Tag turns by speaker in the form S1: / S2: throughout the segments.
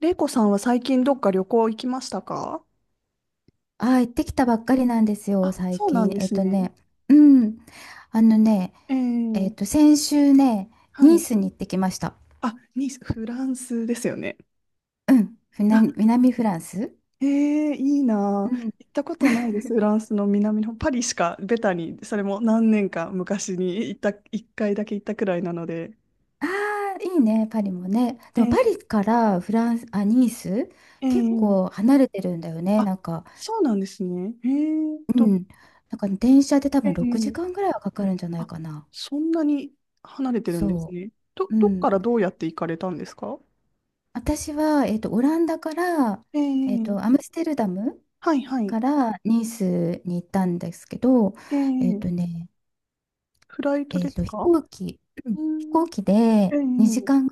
S1: 玲子さんは最近どっか旅行行きましたか？
S2: あ、行ってきたばっかりなんですよ、
S1: あ、
S2: 最
S1: そうなん
S2: 近。
S1: ですね。
S2: うん。あのね、
S1: え
S2: えっと、
S1: え、
S2: 先週ね、
S1: は
S2: ニー
S1: い。
S2: スに行ってきました。
S1: あ、ニース、フランスですよね。
S2: うん。
S1: あ、
S2: 南フランス。
S1: ええ、いいなあ。
S2: うん。
S1: 行ったことないで す。フランスの南の方パリしか、ベタに、それも何年か昔に行った、一回だけ行ったくらいなので。
S2: ああ、いいね、パリもね。で
S1: え
S2: もパ
S1: え、
S2: リからフランス、あ、ニース、結
S1: え
S2: 構
S1: え、
S2: 離れてるんだよね、
S1: あ、
S2: なんか。
S1: そうなんですね。ええと、
S2: うん。なんか電車で多
S1: え
S2: 分6時
S1: え、
S2: 間ぐらいはかかるんじゃない
S1: あ、
S2: かな。
S1: そんなに離れてるんです
S2: そ
S1: ね。
S2: う。う
S1: どっ
S2: ん。
S1: からどうやって行かれたんですか？
S2: 私は、オランダから、
S1: え
S2: ア
S1: え、
S2: ムステルダム
S1: はいはい。
S2: からニースに行ったんですけど、
S1: え
S2: えっ
S1: え、
S2: とね、
S1: フライト
S2: え
S1: で
S2: っ
S1: す
S2: と、飛
S1: か？
S2: 行機、うん
S1: う
S2: 飛
S1: ん。
S2: 行機
S1: え
S2: で
S1: え、
S2: 2時間、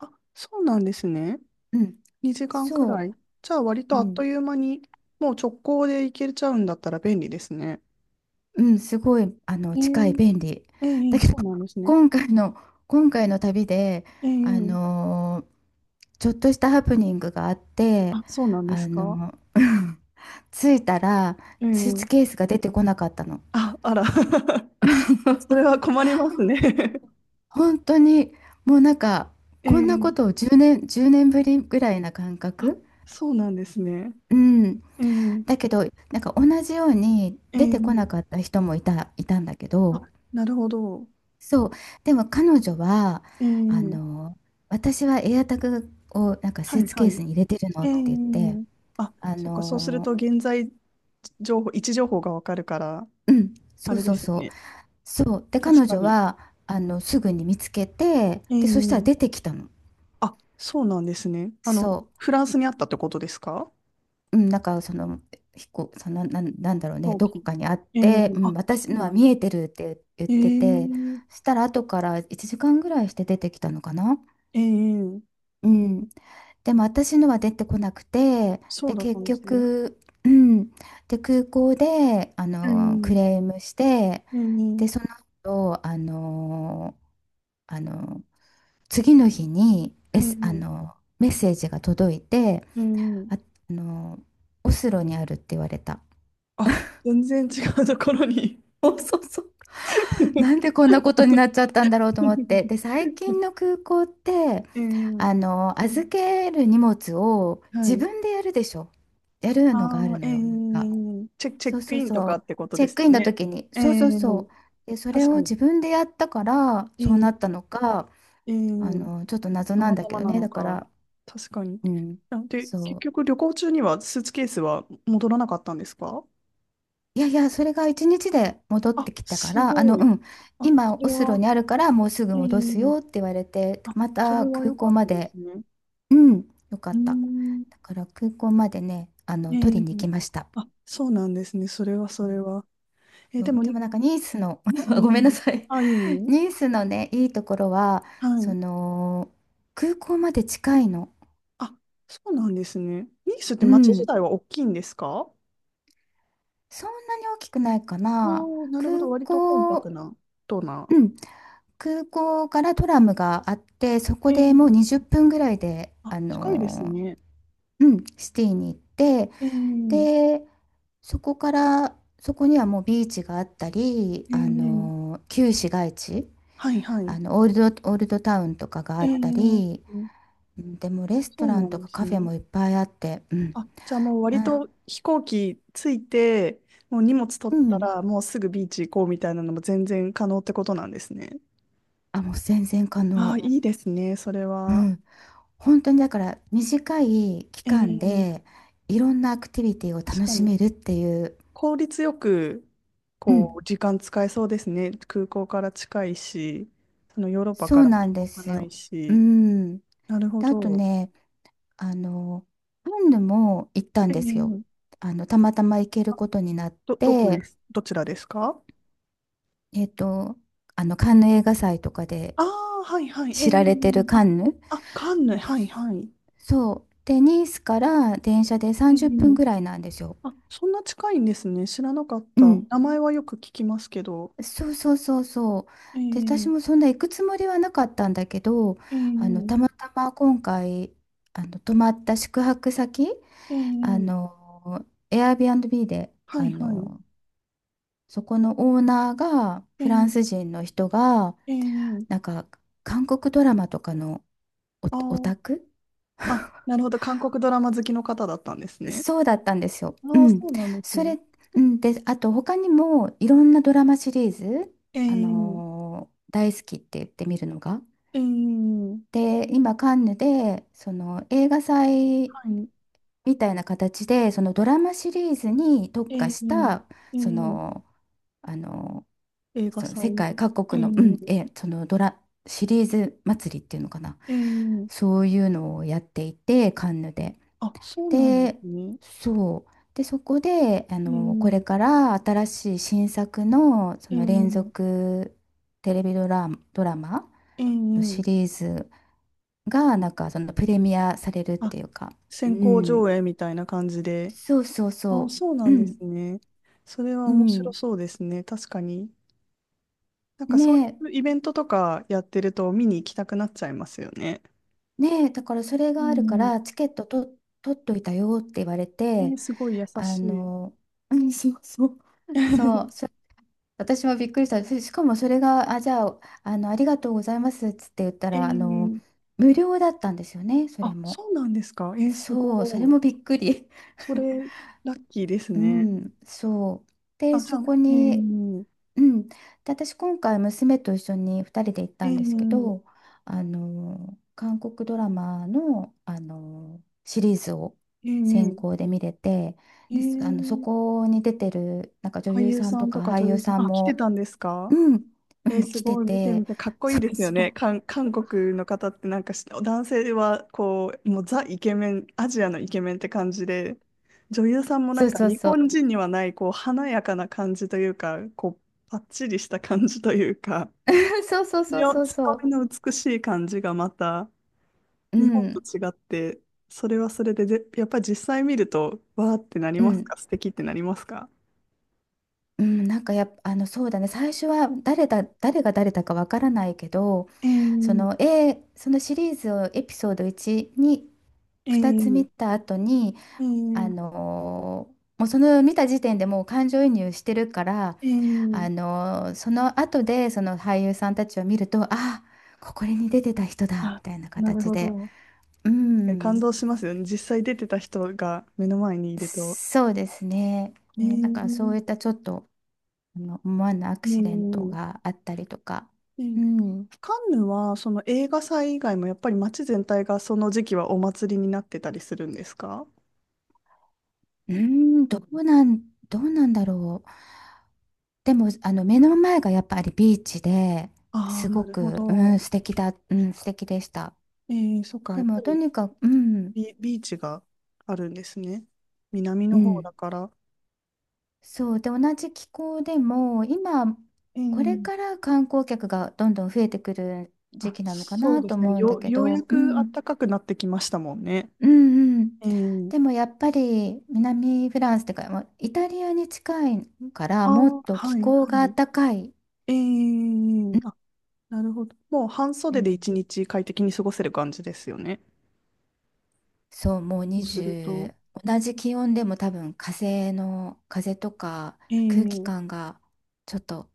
S1: あ、そうなんですね。
S2: うん、
S1: 2時間くら
S2: そ
S1: い。じゃあ割
S2: う、
S1: と
S2: う
S1: あっと
S2: ん、
S1: いう間に、もう直行で行けちゃうんだったら便利ですね。
S2: うん、すごい、
S1: え
S2: 近い、
S1: え、
S2: 便利。
S1: ええ、
S2: だけど、
S1: そうなんですね。
S2: 今回の、今回の旅で、
S1: え
S2: あ
S1: え、
S2: のーちょっとしたハプニングがあって、
S1: あ、そうなんで
S2: あ
S1: すか？
S2: の、着いたら、
S1: え
S2: スーツ
S1: え、
S2: ケースが出てこなかったの。
S1: あ、あら。それは困りますね。
S2: 本当にもうなんか
S1: え
S2: こんなこ
S1: え、
S2: とを10年、1年ぶりぐらいな感
S1: あ、
S2: 覚、
S1: そうなんですね。
S2: うん、
S1: ええ、
S2: だけどなんか同じように
S1: え
S2: 出てこな
S1: え、
S2: かった人もいたんだけ
S1: あ、
S2: ど、
S1: なるほど。
S2: そう。でも彼女は
S1: え
S2: あ
S1: え、
S2: の私はエアタグをなんかス
S1: は
S2: ー
S1: い、
S2: ツ
S1: は
S2: ケース
S1: い。
S2: に入れてるの
S1: え
S2: って言って、
S1: え、あ、
S2: あ
S1: そっか、そうする
S2: の
S1: と現在情報、位置情報がわかるから、
S2: うん、
S1: あ
S2: そう
S1: れ
S2: そ
S1: で
S2: う
S1: すよ
S2: そう
S1: ね。
S2: そうで、
S1: 確
S2: 彼
S1: か
S2: 女
S1: に。
S2: はすぐに見つけて、でそしたら
S1: え
S2: 出
S1: え、
S2: てきたの。
S1: あ、そうなんですね。
S2: そう。
S1: フランスにあったってことですか？
S2: うん、なんかそのなんだろうね、
S1: 後
S2: どこ
S1: 期。
S2: かにあっ
S1: ええ、
S2: て、う
S1: あ、
S2: ん、私
S1: そう
S2: のは
S1: なんで
S2: 見え
S1: す。
S2: てるって言っ
S1: え
S2: てて、
S1: え、
S2: そしたら後から1時間ぐらいして出てきたのかな、
S1: ええ、
S2: うん、でも私のは出てこなくて、
S1: そう
S2: で
S1: だった
S2: 結
S1: んですね。
S2: 局、うん、で空港で
S1: え
S2: ク
S1: え、
S2: レームして、で
S1: え
S2: そ
S1: え、
S2: の後あの次の日に、
S1: ええ、
S2: メッセージが届いて、
S1: え
S2: あ、
S1: え、
S2: あのオスロにあるって言われた。
S1: あ、全然違うところに。
S2: そうそうそう。なんで こんなことになっちゃったんだろうと思って。で、最近の空港って、
S1: ええ、
S2: 預ける荷物を
S1: は
S2: 自
S1: い。
S2: 分でやるでしょ。やるのがある
S1: ああ、え
S2: のよ。なん
S1: え、
S2: か、
S1: チェ
S2: そう
S1: ック
S2: そう
S1: インと
S2: そ
S1: か
S2: う。
S1: ってこと
S2: チェ
S1: で
S2: ッ
S1: す
S2: クイン
S1: よ
S2: の
S1: ね。
S2: 時に。
S1: え
S2: そう
S1: え、
S2: そうそう。で、それ
S1: 確か
S2: を
S1: に。
S2: 自分でやったから、そうな
S1: え
S2: った
S1: え、
S2: のか、
S1: ええ、
S2: ちょっと謎
S1: た
S2: なん
S1: ま
S2: だ
S1: た
S2: け
S1: ま
S2: ど
S1: な
S2: ね。
S1: の
S2: だか
S1: か。
S2: ら、
S1: 確かに。
S2: うん。
S1: あ、で、結
S2: そう。
S1: 局旅行中にはスーツケースは戻らなかったんですか？
S2: いやいや、それが一日で戻っ
S1: あ、
S2: てきたか
S1: す
S2: ら、
S1: ご
S2: う
S1: い。
S2: ん、
S1: あ、
S2: 今、
S1: そ
S2: オ
S1: れ
S2: スロ
S1: は、
S2: にあるから、もうすぐ
S1: ええ、
S2: 戻すよって言われて、
S1: あ、
S2: ま
S1: それ
S2: た
S1: は
S2: 空
S1: 良か
S2: 港
S1: っ
S2: ま
S1: たで
S2: で、
S1: すね。
S2: うん、よか
S1: う
S2: っ
S1: ー
S2: た。
S1: ん、
S2: だから空港までね、
S1: え
S2: 取り
S1: え、
S2: に行きました。
S1: あ、そうなんですね。それはそれは。え
S2: う
S1: で
S2: ん。
S1: も、え
S2: で
S1: え、
S2: もなんかニースの、ごめんなさい。
S1: あ、いいの、
S2: ニースのね、いいところは、
S1: は
S2: そ
S1: い。
S2: の、空港まで近いの。
S1: あ、そうなんですね。ニースっ
S2: う
S1: て町自
S2: ん、
S1: 体は大きいんですか？
S2: そんなに大きくないか
S1: ああ
S2: な。
S1: ー、なるほ
S2: 空
S1: ど。割とコン
S2: 港、
S1: パクな、とな。
S2: うん空港からトラムがあって、そこ
S1: え
S2: でもう20
S1: え、
S2: 分ぐらいで、
S1: あ、近いですね。
S2: シティに行って、
S1: ええ、
S2: で、そこから、そこにはもうビーチがあったり、
S1: ええ、
S2: 旧市街地、
S1: はいはい。
S2: オールドタウンとかがあった
S1: え
S2: り、
S1: え、
S2: うん。でもレスト
S1: そう
S2: ラ
S1: な
S2: ン
S1: ん
S2: と
S1: で
S2: か
S1: す
S2: カフェ
S1: ね。
S2: もいっぱいあって、うん、
S1: あ、じゃあもう割
S2: な、
S1: と飛行機着いて、もう荷物取
S2: う
S1: った
S2: ん、
S1: ら、もうすぐビーチ行こうみたいなのも全然可能ってことなんですね。
S2: あ、もう全然可
S1: ああ、
S2: 能。
S1: いいですね、それ
S2: う
S1: は。
S2: ん、本当にだから短い期間
S1: ええ、
S2: で、いろんなアクティビティを
S1: 確
S2: 楽
S1: か
S2: し
S1: に。
S2: めるっていう、
S1: 効率よく、
S2: う
S1: こ
S2: ん、
S1: う、時間使えそうですね。空港から近いし、そのヨーロッパ
S2: そ
S1: か
S2: う
S1: ら
S2: なんで
S1: 遠く
S2: す
S1: ない
S2: よ。う
S1: し。
S2: ん。
S1: なるほ
S2: で、あと
S1: ど。
S2: ね、あの、カンヌも行ったんですよ。
S1: ええ、
S2: たまたま行ける
S1: あ、
S2: ことになっ
S1: どこで
S2: て、
S1: す、どちらですか？
S2: えっと、カンヌ映画祭とかで
S1: ああー、はいはい。ええ、
S2: 知られてる
S1: あ、
S2: カンヌ。
S1: あ、カンヌ、はいはい。
S2: そう。で、ニースから電車で
S1: ええ、
S2: 30分ぐらいなんですよ。
S1: あ、そんな近いんですね。知らなかっ
S2: う
S1: た。
S2: ん。
S1: 名前はよく聞きますけど。
S2: そうそうそうそう。
S1: え
S2: で、私も
S1: え、
S2: そんな行くつもりはなかったんだけど、
S1: え
S2: たま
S1: え、
S2: たま今回、泊まった宿泊先、
S1: ええ、
S2: Airbnb で、
S1: はいはい。
S2: そこのオーナーが、
S1: え
S2: フランス
S1: え、
S2: 人の人が、
S1: え
S2: なん
S1: え、
S2: か、韓国ドラマとかのオ、
S1: あ、
S2: オタ
S1: あ
S2: ク
S1: あ、なるほど。韓国ドラマ好きの方だったんですね。
S2: そうだったんですよ。う
S1: ああ、
S2: ん。
S1: そうなんです
S2: そ
S1: ね。
S2: れ、うん、で、あと、他にも、いろんなドラマシリーズ、
S1: ええ、
S2: 大好きって言ってみるのが。
S1: ええ、
S2: で、今、カンヌで、映画祭
S1: はい。
S2: みたいな形で、そのドラマシリーズに特化
S1: え
S2: し
S1: え、
S2: た、
S1: え
S2: そ
S1: え、
S2: の、あの
S1: 映画
S2: その
S1: 祭。
S2: 世界各
S1: え
S2: 国の、う
S1: え、
S2: ん、そのドラ、シリーズ祭りっていうのかな。
S1: ええ、
S2: そういうのをやっていて、カンヌで。
S1: あ、そうなんで
S2: で、
S1: すね。
S2: そう。で、そこで、これ
S1: ええ、
S2: から新しい新作の、そ
S1: え
S2: の連
S1: え、
S2: 続テレビドラマ
S1: え
S2: のシ
S1: え、
S2: リーズが、なんか、そのプレミアされるっ
S1: あ、
S2: ていうか、う
S1: 先行
S2: ん。
S1: 上映みたいな感じで。
S2: そうそう
S1: あ、
S2: そ
S1: そう
S2: う。
S1: な
S2: う
S1: んで
S2: ん。
S1: すね。それは
S2: う
S1: 面白
S2: ん。
S1: そうですね。確かに。なんか
S2: ね
S1: そういうイベントとかやってると見に行きたくなっちゃいますよね。
S2: ねえ、だからそれ
S1: う
S2: があるか
S1: ん。
S2: ら、チケットと取っといたよって言われ
S1: え
S2: て、
S1: ー、すごい優
S2: あ
S1: しい。
S2: の、うん、そうそう。そう 私もびっくりした。しかもそれが、あ、じゃあ、ありがとうございますっつって言った
S1: え
S2: ら、
S1: え、
S2: 無料だったんですよね、それ
S1: あ、
S2: も。
S1: そうなんですか。えー、す
S2: そう、それ
S1: ご
S2: も
S1: い。
S2: びっくり。
S1: それ、ラッキーです
S2: う
S1: ね。
S2: ん、そう。で、
S1: あ、じゃ
S2: そ
S1: あ、
S2: こ
S1: え
S2: に、
S1: え、
S2: うん、で私今回娘と一緒に2人で行っ
S1: ええ、
S2: たんですけ
S1: え
S2: ど、韓国ドラマの、シリーズを先
S1: え、
S2: 行で見れて、です、そ
S1: ええ、
S2: こに出てるなんか女
S1: 俳
S2: 優
S1: 優
S2: さん
S1: さ
S2: と
S1: ん
S2: か
S1: とか
S2: 俳
S1: 女
S2: 優
S1: 優さ
S2: さ
S1: ん、
S2: ん
S1: あ、来て
S2: も、
S1: たんですか？
S2: うん、う
S1: えー、
S2: ん、
S1: す
S2: 来て
S1: ごい。見てみ
S2: て、
S1: て、かっこい
S2: そ
S1: いで
S2: う
S1: すよ
S2: そ
S1: ね。
S2: う
S1: 韓国の方ってなんか男性はこう、もうザイケメン、アジアのイケメンって感じで、女優さんも
S2: そ
S1: な
S2: う
S1: んか
S2: そう
S1: 日
S2: そう。
S1: 本人にはない、こう、華やかな感じというか、こう、パッチリした感じというか、
S2: そうそうそうそ
S1: 強
S2: うそ
S1: み
S2: う。
S1: の美しい感じがまた
S2: う
S1: 日本と
S2: ん、
S1: 違って、それはそれで、やっぱり実際見ると、わーってなり
S2: う
S1: ます
S2: ん
S1: か？素敵ってなりますか？
S2: うん、なんかやっぱ、そうだね、最初は誰が誰だかわからないけど、
S1: えー、
S2: そのシリーズをエピソード1に
S1: え
S2: 2つ
S1: ー、
S2: 見た後に、
S1: えー、
S2: もうその見た時点でもう感情移入してるから、
S1: えー、
S2: その後でその俳優さんたちを見ると、あ、ここに出てた人だ、み
S1: あ、
S2: たいな
S1: なる
S2: 形
S1: ほ
S2: で。
S1: ど。
S2: う
S1: 確かに感
S2: ん、
S1: 動しますよね。実際出てた人が目の前にいると。
S2: そうですね。
S1: え
S2: ね、なんかそう
S1: ー、
S2: いったちょっと、思わぬア
S1: え
S2: クシデント
S1: ー、
S2: があったりとか。
S1: えー、
S2: うん。う
S1: カンヌはその映画祭以外もやっぱり街全体がその時期はお祭りになってたりするんですか？
S2: ーん、どうなんだろう。でも、目の前がやっぱりビーチで、
S1: あ
S2: す
S1: あー、な
S2: ご
S1: るほ
S2: く、うん、
S1: ど。
S2: 素敵でした。
S1: えー、そっか、
S2: で
S1: やっぱ
S2: も、と
S1: り
S2: にかく、うん、
S1: ビーチがあるんですね。南
S2: う
S1: の方だ
S2: ん、
S1: から。
S2: そう。で、同じ気候でも、今、これか
S1: ええ、
S2: ら観光客がどんどん増えてくる時
S1: あ、
S2: 期なのか
S1: そう
S2: な
S1: で
S2: と
S1: すね。
S2: 思うんだけ
S1: ようや
S2: ど、う
S1: く暖
S2: ん、
S1: かくなってきましたもんね。
S2: うんうん。
S1: ええ、
S2: でもやっぱり南フランスっていうか、もうイタリアに近いから
S1: あ
S2: もっ
S1: ー、
S2: と気
S1: はい、
S2: 候
S1: は
S2: が
S1: い。
S2: 暖かい。
S1: え
S2: う
S1: え、
S2: ん。
S1: あ、なるほど。もう半袖で一日快適に過ごせる感じですよね。
S2: そう、もう
S1: そうすると。
S2: 20、同じ気温でも多分風とか
S1: え
S2: 空気感
S1: え、
S2: がちょっと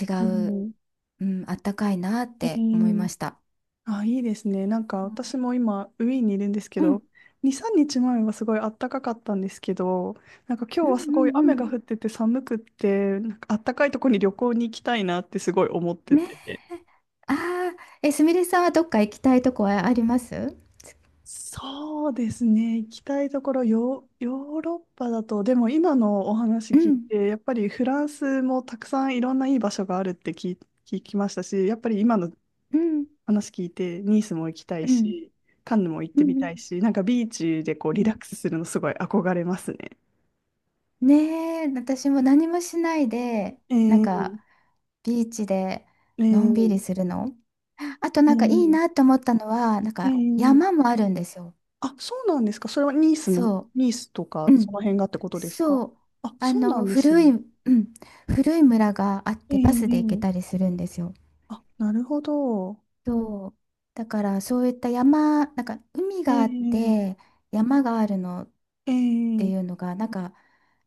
S2: 違
S1: う
S2: う、
S1: ん、
S2: うん、暖かいなっ
S1: え
S2: て思いま
S1: え、
S2: した。
S1: あ、いいですね。なんか私も今、ウィーンにいるんですけ
S2: うん。
S1: ど、2、3日前はすごい暖かかったんですけど、なんか今
S2: う
S1: 日
S2: ん
S1: はすごい
S2: うんう
S1: 雨
S2: ん。
S1: が降ってて寒くって、なんか暖かいとこに旅行に行きたいなってすごい思って
S2: ねえ。
S1: て。
S2: ああ、すみれさんはどっか行きたいとこはあります？
S1: そうですね。行きたいところ、ヨーロッパだと、でも今のお話
S2: う
S1: 聞い
S2: ん。
S1: て、やっぱりフランスもたくさんいろんないい場所があるって聞きましたし、やっぱり今の
S2: うん。
S1: 話聞いて、ニースも行きた
S2: う
S1: い
S2: ん。
S1: し、カンヌも行っ
S2: うん。
S1: てみ
S2: う
S1: た
S2: ん
S1: いし、なんかビーチでこうリ
S2: う
S1: ラ
S2: ん。
S1: ックスするのすごい憧れますね。
S2: ねえ、私も何もしないで、
S1: え
S2: なん
S1: ー、
S2: か、ビーチで
S1: え
S2: のんび
S1: ー、
S2: りするの。あと
S1: え
S2: なんかいい
S1: ー、
S2: なと思ったのは、なん
S1: え
S2: か
S1: ー、
S2: 山もあるんですよ。
S1: あ、そうなんですか。それはニースの、
S2: そ
S1: ニースとか
S2: う。う
S1: そ
S2: ん。
S1: の辺がってことですか？
S2: そう。
S1: あ、そうなんです
S2: 古
S1: ね。
S2: い、うん。古い村があっ
S1: え
S2: てバスで行け
S1: ー、
S2: たりするんですよ。
S1: あ、なるほど。
S2: そう。だからそういった山、なんか海
S1: え
S2: があっ
S1: ー、
S2: て山があるのっ
S1: え
S2: て
S1: ー、
S2: いうのが、なんか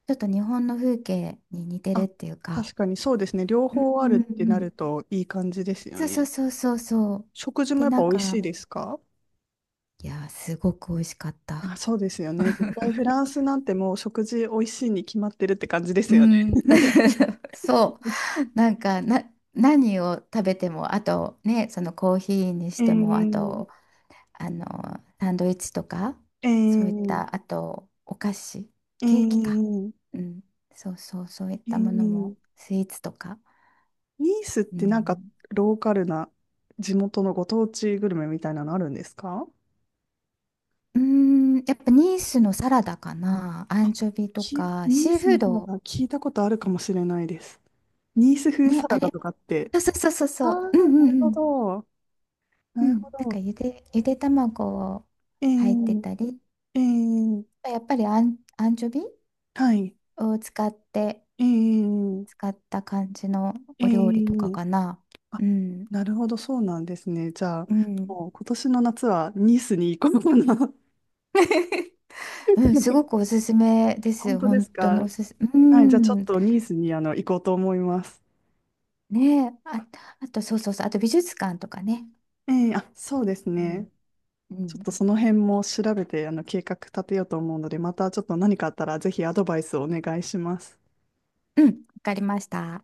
S2: ちょっと日本の風景に似てる
S1: あ、
S2: っていうか、
S1: 確かにそうですね。両
S2: うん
S1: 方
S2: う
S1: ある
S2: ん
S1: っ
S2: う
S1: てなる
S2: ん。
S1: といい感じですよ
S2: そうそう
S1: ね。
S2: そうそうそう。
S1: 食事も
S2: で、
S1: やっ
S2: な
S1: ぱ
S2: ん
S1: 美味しい
S2: か、
S1: ですか？
S2: いやー、すごく美味しかっ
S1: あ、
S2: た。
S1: そうですよね。絶対フランスなんてもう食事美味しいに決まってるって感じで
S2: う
S1: すよね。
S2: ん。そう。なんか、何を食べても、あとね、そのコーヒーにし
S1: え
S2: ても、あ
S1: ー、
S2: と、あの、サンドイッチとか、
S1: え
S2: そういっ
S1: ー、
S2: た、あと、お菓子、
S1: え
S2: ケーキか。
S1: ー、
S2: うん。そうそう、そういっ
S1: え
S2: たもの
S1: ー、
S2: も、スイーツとか。
S1: ニースっ
S2: う
S1: てなんか
S2: ん。
S1: ローカルな地元のご当地グルメみたいなのあるんですか？
S2: うーん、やっぱニースのサラダかな。アン
S1: あ、
S2: チョビとか、
S1: ニー
S2: シー
S1: ス
S2: フー
S1: の方
S2: ド。
S1: が聞いたことあるかもしれないです。ニース風
S2: ね、
S1: サ
S2: あ
S1: ラダ
S2: れ。
S1: とかって。
S2: そうそうそうそう
S1: あ
S2: そ
S1: あ、
S2: う。うんう
S1: な
S2: ん
S1: る
S2: う
S1: ほ
S2: ん。
S1: ど。
S2: う
S1: なるほ
S2: ん。なんか
S1: ど。
S2: ゆで卵を
S1: え
S2: 入って
S1: ー、
S2: たり、
S1: えー、
S2: やっぱりアンチョビ
S1: はい。
S2: を使って、
S1: えー、
S2: 使った感じの
S1: え
S2: お料理とか
S1: ー、
S2: かな。
S1: あ、
S2: うん。
S1: なるほど、そうなんですね。じゃあ、
S2: うん。
S1: もう今年の夏はニースに行こうかな。
S2: うん、すごく おすすめで
S1: 本
S2: す。
S1: 当で
S2: 本
S1: す
S2: 当に
S1: か？
S2: おすす、う
S1: はい、じゃあちょっ
S2: ん。
S1: とニースに行こうと思います。
S2: ねえ、あ、あと、そうそうそう。あと美術館とかね。
S1: ええ、あ、そうです
S2: うん。
S1: ね。
S2: う
S1: ちょっ
S2: ん。
S1: とその辺も調べて計画立てようと思うので、またちょっと何かあったらぜひアドバイスをお願いします。
S2: うん。わかりました。